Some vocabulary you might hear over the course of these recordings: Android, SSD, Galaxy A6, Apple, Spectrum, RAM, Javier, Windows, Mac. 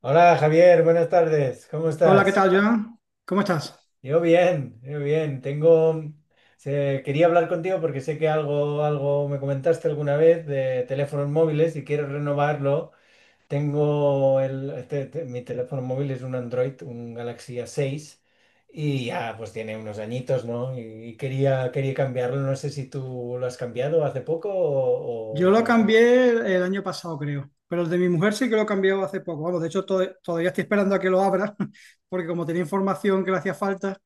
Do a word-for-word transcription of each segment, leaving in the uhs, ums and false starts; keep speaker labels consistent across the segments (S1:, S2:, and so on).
S1: Hola Javier, buenas tardes, ¿cómo
S2: Hola, ¿qué
S1: estás?
S2: tal, Joan? ¿Cómo estás?
S1: Yo bien, yo bien. Tengo, se- quería hablar contigo porque sé que algo, algo me comentaste alguna vez de teléfonos móviles y quiero renovarlo. Tengo el, este- este- Mi teléfono móvil es un Android, un Galaxy A seis, y ya pues tiene unos añitos, ¿no? Y, y quería, quería cambiarlo. No sé si tú lo has cambiado hace poco o,
S2: Yo
S1: o
S2: lo
S1: con-
S2: cambié el año pasado, creo, pero el de mi mujer sí que lo cambió hace poco. Vamos, de hecho, to- todavía estoy esperando a que lo abra, porque como tenía información que le hacía falta,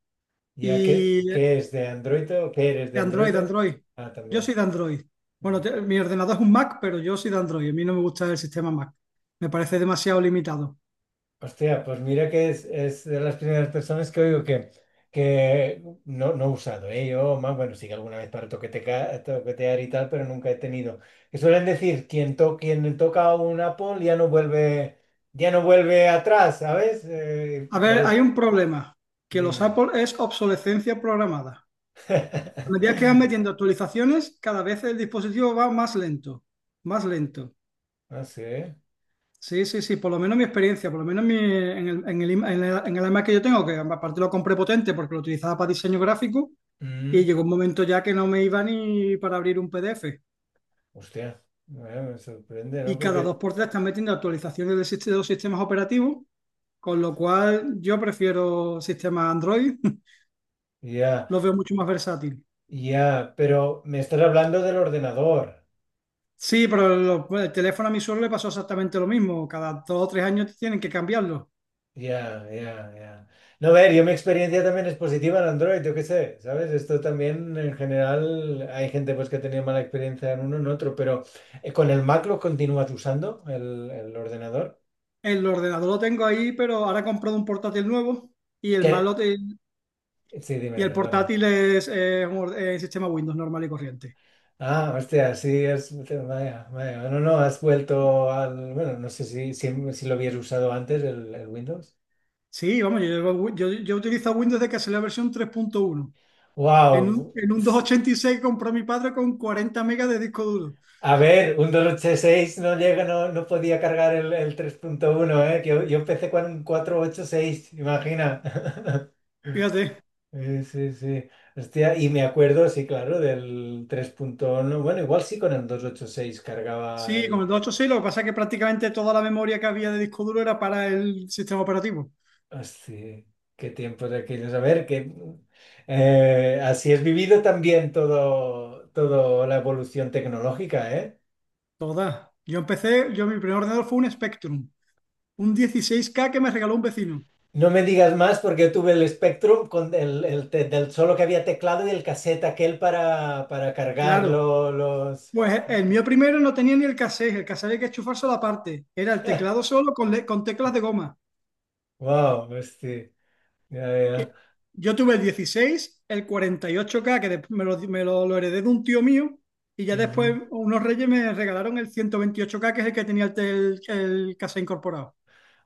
S1: ya ¿qué,
S2: y
S1: qué es de Android o qué eres de
S2: de Android,
S1: Android?
S2: de Android.
S1: Ah,
S2: Yo
S1: también.
S2: soy de Android. Bueno,
S1: Ah.
S2: te- mi ordenador es un Mac, pero yo soy de Android. A mí no me gusta el sistema Mac. Me parece demasiado limitado.
S1: Hostia, pues mira que es, es de las primeras personas que oigo que, que no, no he usado, ¿eh? Yo, más, bueno, sí que alguna vez para toqueteca- toquetear y tal, pero nunca he tenido. Que suelen decir, quien, to- quien toca un Apple ya no vuelve, ya no vuelve atrás, ¿sabes? Eh,
S2: A ver, hay
S1: pare-
S2: un problema, que los
S1: Dime.
S2: Apple es obsolescencia programada. A medida que van metiendo actualizaciones, cada vez el dispositivo va más lento, más lento.
S1: Ah, sí.
S2: Sí, sí, sí, por lo menos mi experiencia, por lo menos mi- en el, en el, im- en el- en el iMac que yo tengo, que aparte lo compré potente porque lo utilizaba para diseño gráfico, y
S1: Mm.
S2: llegó un momento ya que no me iba ni para abrir un P D F.
S1: Hostia, bueno, me sorprende, ¿no?
S2: Y cada dos
S1: Porque
S2: por tres están metiendo actualizaciones del sist- de los sistemas operativos, con lo cual yo prefiero sistemas Android,
S1: ya,
S2: los veo mucho más versátiles.
S1: ya, pero me estás hablando del ordenador.
S2: Sí, pero lo- el teléfono a mi suelo le pasó exactamente lo mismo, cada dos o tres años tienen que cambiarlo.
S1: Ya, ya, ya. No, a ver, yo mi experiencia también es positiva en Android, yo qué sé, ¿sabes? Esto también en general hay gente pues que tenía mala experiencia en uno, en otro, pero eh, con el Mac lo continúas usando, el, el ordenador.
S2: El ordenador lo tengo ahí, pero ahora he comprado un portátil nuevo. Y el
S1: ¿Qué?
S2: malo.
S1: Sí, dime,
S2: Y el
S1: perdona.
S2: portátil es, es un es sistema Windows normal y corriente.
S1: Ah, hostia, sí, es, vaya, vaya. No, no, has vuelto al, bueno, no sé si, si, si lo habías usado antes, el, el Windows.
S2: Sí, vamos, yo, llevo yo, yo utilizo Windows desde que salió la versión tres punto uno. En un,
S1: Wow.
S2: en un doscientos ochenta y seis compró mi padre con cuarenta megas de disco duro.
S1: A ver, un dos ocho seis no llega, no, no podía cargar el, el tres punto uno, ¿eh? Que yo, yo empecé con un cuatro ocho seis, imagina.
S2: Fíjate.
S1: Sí, sí, sí. Hostia, y me acuerdo, sí, claro, del tres punto uno. Bueno, igual sí con el dos ocho seis cargaba
S2: Sí, con
S1: el...
S2: el doscientos ochenta y seis lo que pasa es que prácticamente toda la memoria que había de disco duro era para el sistema operativo.
S1: Hostia, qué tiempos aquellos. A ver, que eh, así es vivido también todo, todo la evolución tecnológica, ¿eh?
S2: Toda. Yo empecé, yo mi primer ordenador fue un Spectrum, un dieciséis k que me regaló un vecino.
S1: No me digas más porque yo tuve el Spectrum con el, el te- del solo que había teclado y el cassette aquel para, para
S2: Claro.
S1: cargarlo, los...
S2: Pues el mío primero no tenía ni el cassette, el cassette había que enchufárselo aparte. Era el teclado solo con, le- con teclas de goma.
S1: Wow, hostia. Ya, ya.
S2: Yo tuve el dieciséis, el cuarenta y ocho k que después me, lo, me lo- lo heredé de un tío mío, y ya después
S1: Ujú.
S2: unos reyes me regalaron el ciento veintiocho k que es el que tenía el, el el casa incorporado.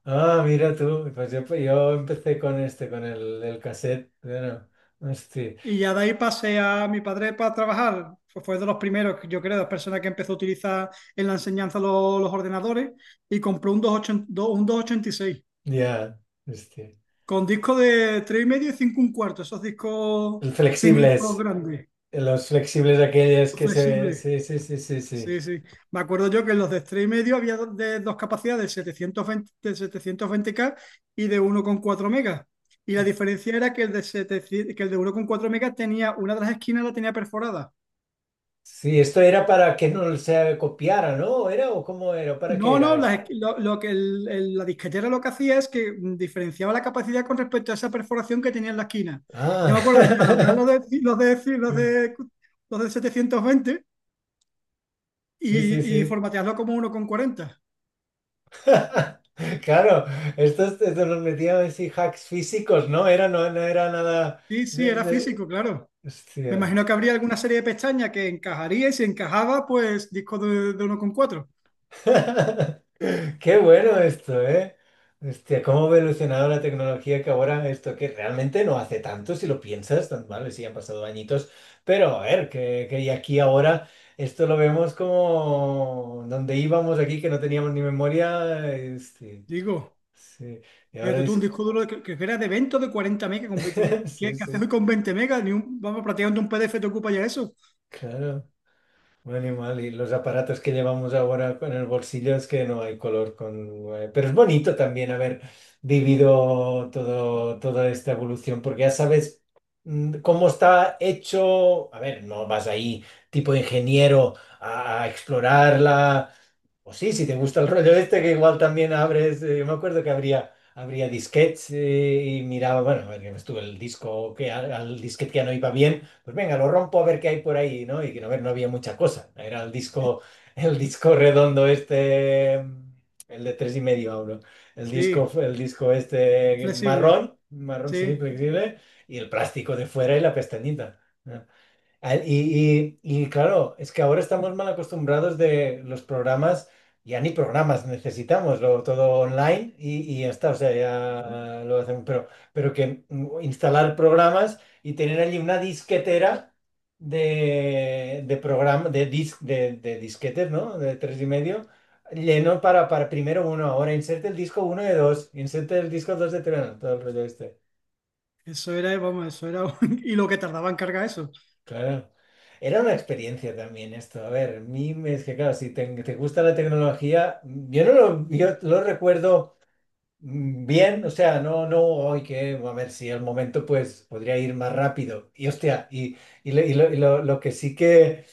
S1: Ah, mira tú. Pues yo, yo empecé con este, con el, el cassette. Bueno, hostia.
S2: Y ya de ahí pasé a mi padre para trabajar. Fue fue de los primeros, yo creo, de las personas que empezó a utilizar en la enseñanza lo- los ordenadores, y compró un veintiocho ochenta y seis
S1: Ya, hostia.
S2: con disco de tres y medio y cinco un cuarto, esos discos
S1: El
S2: finitos,
S1: flexibles.
S2: grandes,
S1: Los flexibles aquellos que se...
S2: flexibles.
S1: Sí, sí, sí, sí, sí.
S2: Sí, sí. Me acuerdo yo que en los de tres y medio había do- de dos capacidades, setecientos veinte de setecientos veinte k y de uno coma cuatro megas. Y la diferencia era que el de, setecientos que el de uno coma cuatro megas tenía, una de las esquinas la tenía perforada.
S1: Sí, esto era para que no se copiara, ¿no? ¿Era o cómo era? ¿Para qué
S2: No,
S1: era
S2: no,
S1: esto?
S2: las esqui- lo, lo que el- el- la disquetera lo que hacía es que mm, diferenciaba la capacidad con respecto a esa perforación que tenía en la esquina. Yo
S1: Ah,
S2: me acuerdo de taladrar los de, los de, los de, los de setecientos veinte
S1: sí, sí,
S2: y, y
S1: sí.
S2: formatearlo como uno coma cuarenta.
S1: Claro, estos, estos los metían así hacks físicos, ¿no? Era, no, no era nada
S2: Sí, sí,
S1: de,
S2: era
S1: de-
S2: físico, claro. Me
S1: Hostia.
S2: imagino que habría alguna serie de pestañas que encajaría y si encajaba, pues disco de, de uno coma cuatro.
S1: Qué bueno esto, ¿eh? Hostia, cómo ha evolucionado la tecnología, que ahora esto que realmente no hace tanto, si lo piensas, tan- vale, sí han pasado añitos, pero a ver, que, que y aquí ahora esto lo vemos como donde íbamos aquí, que no teníamos ni memoria, este,
S2: Digo,
S1: sí. Y ahora,
S2: fíjate tú, un disco duro que, que era de evento de cuarenta megas. Con veinte, ¿qué,
S1: sí,
S2: qué haces
S1: sí,
S2: hoy con veinte megas? Ni un, vamos, prácticamente un P D F te ocupa ya eso.
S1: claro. Un animal, y los aparatos que llevamos ahora en el bolsillo es que no hay color con... eh, Pero es bonito también haber vivido todo, toda esta evolución, porque ya sabes mm, cómo está hecho. A ver, no vas ahí tipo ingeniero a, a explorarla. O sí, si te gusta el rollo este, que igual también abres. Eh, yo me acuerdo que habría, habría disquetes, eh, y miraba, bueno, a ver, que estuvo el disco, que al, al disquete que ya no iba bien, pues venga, lo rompo a ver qué hay por ahí, ¿no? Y que no, a ver, no había mucha cosa. Era el disco, el disco redondo este, el de tres y medio ahora. El
S2: Sí,
S1: disco, el disco este
S2: flexible.
S1: marrón, marrón, sí,
S2: Sí,
S1: flexible, y el plástico de fuera y la pestañita. ¿No? Al- Y, y- y claro, es que ahora estamos mal acostumbrados de los programas, ya ni programas necesitamos, lo, todo online y, y ya está, o sea, ya lo hacen, pero, pero que mm, instalar programas y tener allí una disquetera de, de programa, de, dis- de, de disquetes, ¿no? De tres y medio, lleno para, para primero uno, ahora inserte el disco uno de dos, inserte el disco dos de tres, todo el rollo este.
S2: eso era, vamos, eso era un- y lo que tardaba en cargar eso.
S1: Claro. Era una experiencia también esto. A ver, a mí me- es que claro, si te, te gusta la tecnología, yo no lo, yo lo recuerdo mm, bien, o sea, no, no, hoy que, a ver si al momento pues podría ir más rápido. Y hostia, y, y, lo, y lo- y lo- lo que sí que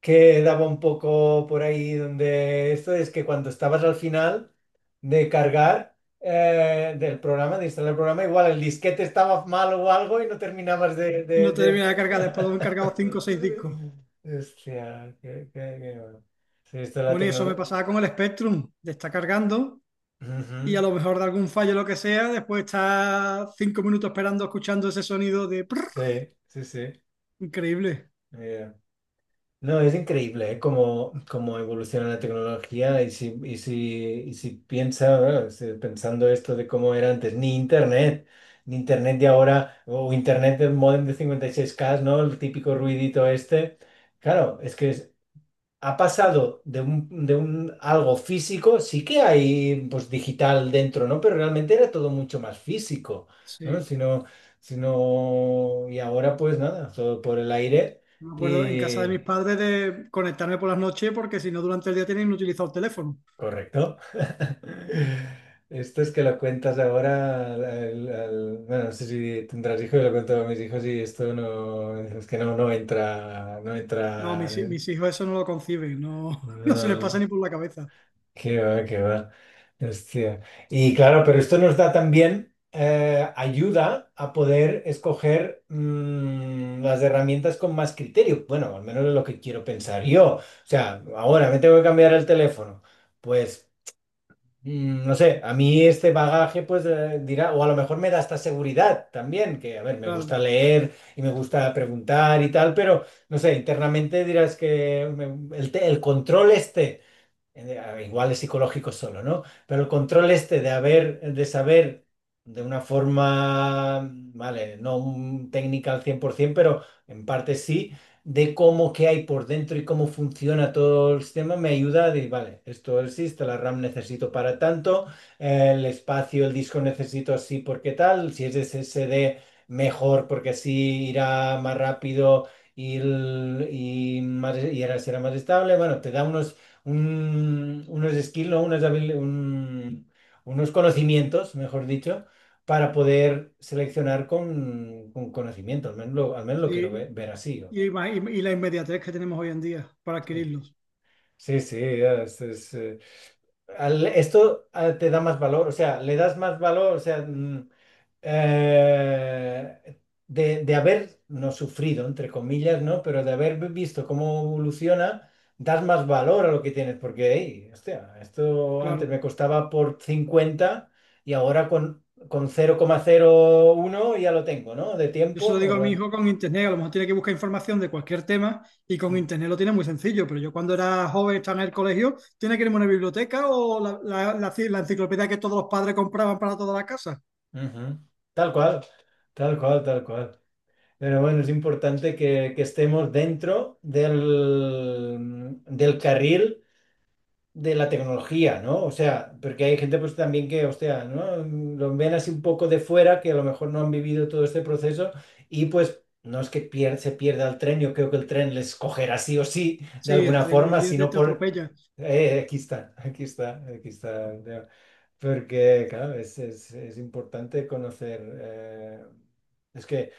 S1: que daba un poco por ahí donde esto es que cuando estabas al final de cargar eh, del programa, de instalar el programa, igual el disquete estaba mal o algo y no terminabas de...
S2: Y
S1: de,
S2: no te
S1: de-
S2: terminaba de cargar, después lo he encargado cinco o seis discos.
S1: Hostia, qué, qué- qué bueno. Sí, esto de la
S2: Bueno, y eso me
S1: tecnología...
S2: pasaba con el Spectrum, de estar cargando. Y a lo mejor de algún fallo, o lo que sea, después está cinco minutos esperando, escuchando ese sonido de prrr.
S1: Sí, sí, sí.
S2: Increíble.
S1: Ya. No, es increíble, ¿eh? Cómo, cómo evoluciona la tecnología, y si, y si, y si piensa, bueno, si- pensando esto de cómo era antes, ni internet, ni internet de ahora, o internet del módem de cincuenta y seis k, ¿no? El típico ruidito este. Claro, es que es- ha pasado de un, de un algo físico, sí que hay pues digital dentro, ¿no? Pero realmente era todo mucho más físico, ¿no?
S2: Sí,
S1: Si no, si no- y ahora pues nada, todo por el aire.
S2: me acuerdo en casa de mis padres de conectarme por las noches porque si no durante el día tienen inutilizado el teléfono.
S1: Correcto. Esto es que lo cuentas ahora al- al- al- bueno, no sé si tendrás hijos, lo cuento a mis hijos y esto no, es que no, no entra, no
S2: No,
S1: entra,
S2: mis, hi-
S1: ¿eh?
S2: mis hijos eso no lo conciben, no, no se les pasa
S1: No,
S2: ni por la cabeza.
S1: qué va, qué va. Hostia. Y claro, pero esto nos da también, eh, ayuda a poder escoger mm, las herramientas con más criterio. Bueno, al menos es lo que quiero pensar yo. O sea, ahora me tengo que cambiar el teléfono. Pues Mm, no sé, a mí este bagaje pues eh, dirá, o a lo mejor me da esta seguridad también, que a ver, me gusta
S2: Claro.
S1: leer y me gusta preguntar y tal, pero no sé, internamente dirás que me- el, te- el control este, eh, igual es psicológico solo, ¿no? Pero el control este de haber, de saber de una forma, vale, no un- técnica al cien por ciento, pero en parte sí, de cómo qué hay por dentro y cómo funciona todo el sistema, me ayuda a decir, vale, esto existe, la RAM necesito para tanto, el espacio, el disco necesito así porque tal, si es S S D, mejor porque así irá más rápido y, el- y, más- y ahora será más estable. Bueno, te da unos un- unos skills, ¿no? Unas habil- un- unos conocimientos, mejor dicho, para poder seleccionar con, con conocimiento. Al menos lo, al menos lo quiero ve-
S2: Sí,
S1: ver, así. ¿No?
S2: y, ima- y y la inmediatez que tenemos hoy en día para adquirirlos.
S1: Sí, sí, ya, es, es, eh, al- esto ah, te da más valor, o sea, le das más valor, o sea, mm, eh, de, de haber no sufrido, entre comillas, ¿no? Pero de haber visto cómo evoluciona, das más valor a lo que tienes, porque, hey, hostia, esto antes
S2: Claro.
S1: me costaba por cincuenta y ahora con, con cero cero coma cero uno ya lo tengo, ¿no? De
S2: Yo se lo
S1: tiempo, en
S2: digo a mi
S1: plan,
S2: hijo con internet, a lo mejor tiene que buscar información de cualquier tema y con
S1: mm,
S2: internet lo tiene muy sencillo, pero yo cuando era joven, estaba en el colegio, tiene que irme a una biblioteca o la, la- la ci- la enciclopedia que todos los padres compraban para toda la casa.
S1: ujú, tal cual, tal cual, tal cual. Pero bueno, es importante que, que estemos dentro del, del carril de la tecnología, ¿no? O sea, porque hay gente pues también que, hostia, ¿no? Lo ven así un poco de fuera, que a lo mejor no han vivido todo este proceso, y pues no es que pier- se pierda el tren, yo creo que el tren les cogerá sí o sí, de
S2: Sí, el
S1: alguna
S2: tren hoy en
S1: forma,
S2: día te
S1: sino
S2: te
S1: por...
S2: atropella.
S1: eh, aquí está, aquí está, aquí está, ya. Porque, claro, es, es- es importante conocer... eh, es que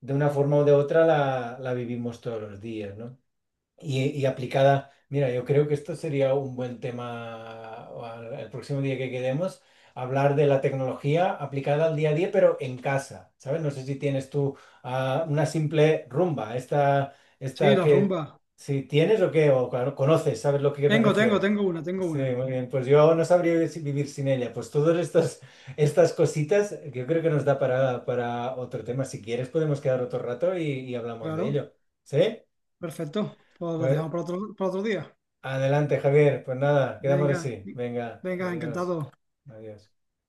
S1: de una forma o de otra la, la vivimos todos los días, ¿no? Y, y aplicada, mira, yo creo que esto sería un buen tema o al- el próximo día que quedemos, hablar de la tecnología aplicada al día a día, pero en casa, ¿sabes? No sé si tienes tú ah, una simple rumba, esta,
S2: Sí,
S1: esta
S2: la
S1: que
S2: rumba.
S1: si tienes o qué, o claro, conoces, ¿sabes lo que me
S2: Tengo, tengo,
S1: refiero?
S2: tengo una, tengo
S1: Sí,
S2: una.
S1: muy bien, pues yo no sabría si- vivir sin ella. Pues todas estas, estas cositas, yo creo que nos da para, para otro tema. Si quieres, podemos quedar otro rato y, y hablamos de
S2: Claro,
S1: ello. ¿Sí?
S2: perfecto. Pues lo
S1: Pues
S2: dejamos para otro, para otro día.
S1: adelante, Javier. Pues nada, quedamos
S2: Venga,
S1: así. Venga,
S2: venga,
S1: adiós.
S2: encantado.
S1: Adiós.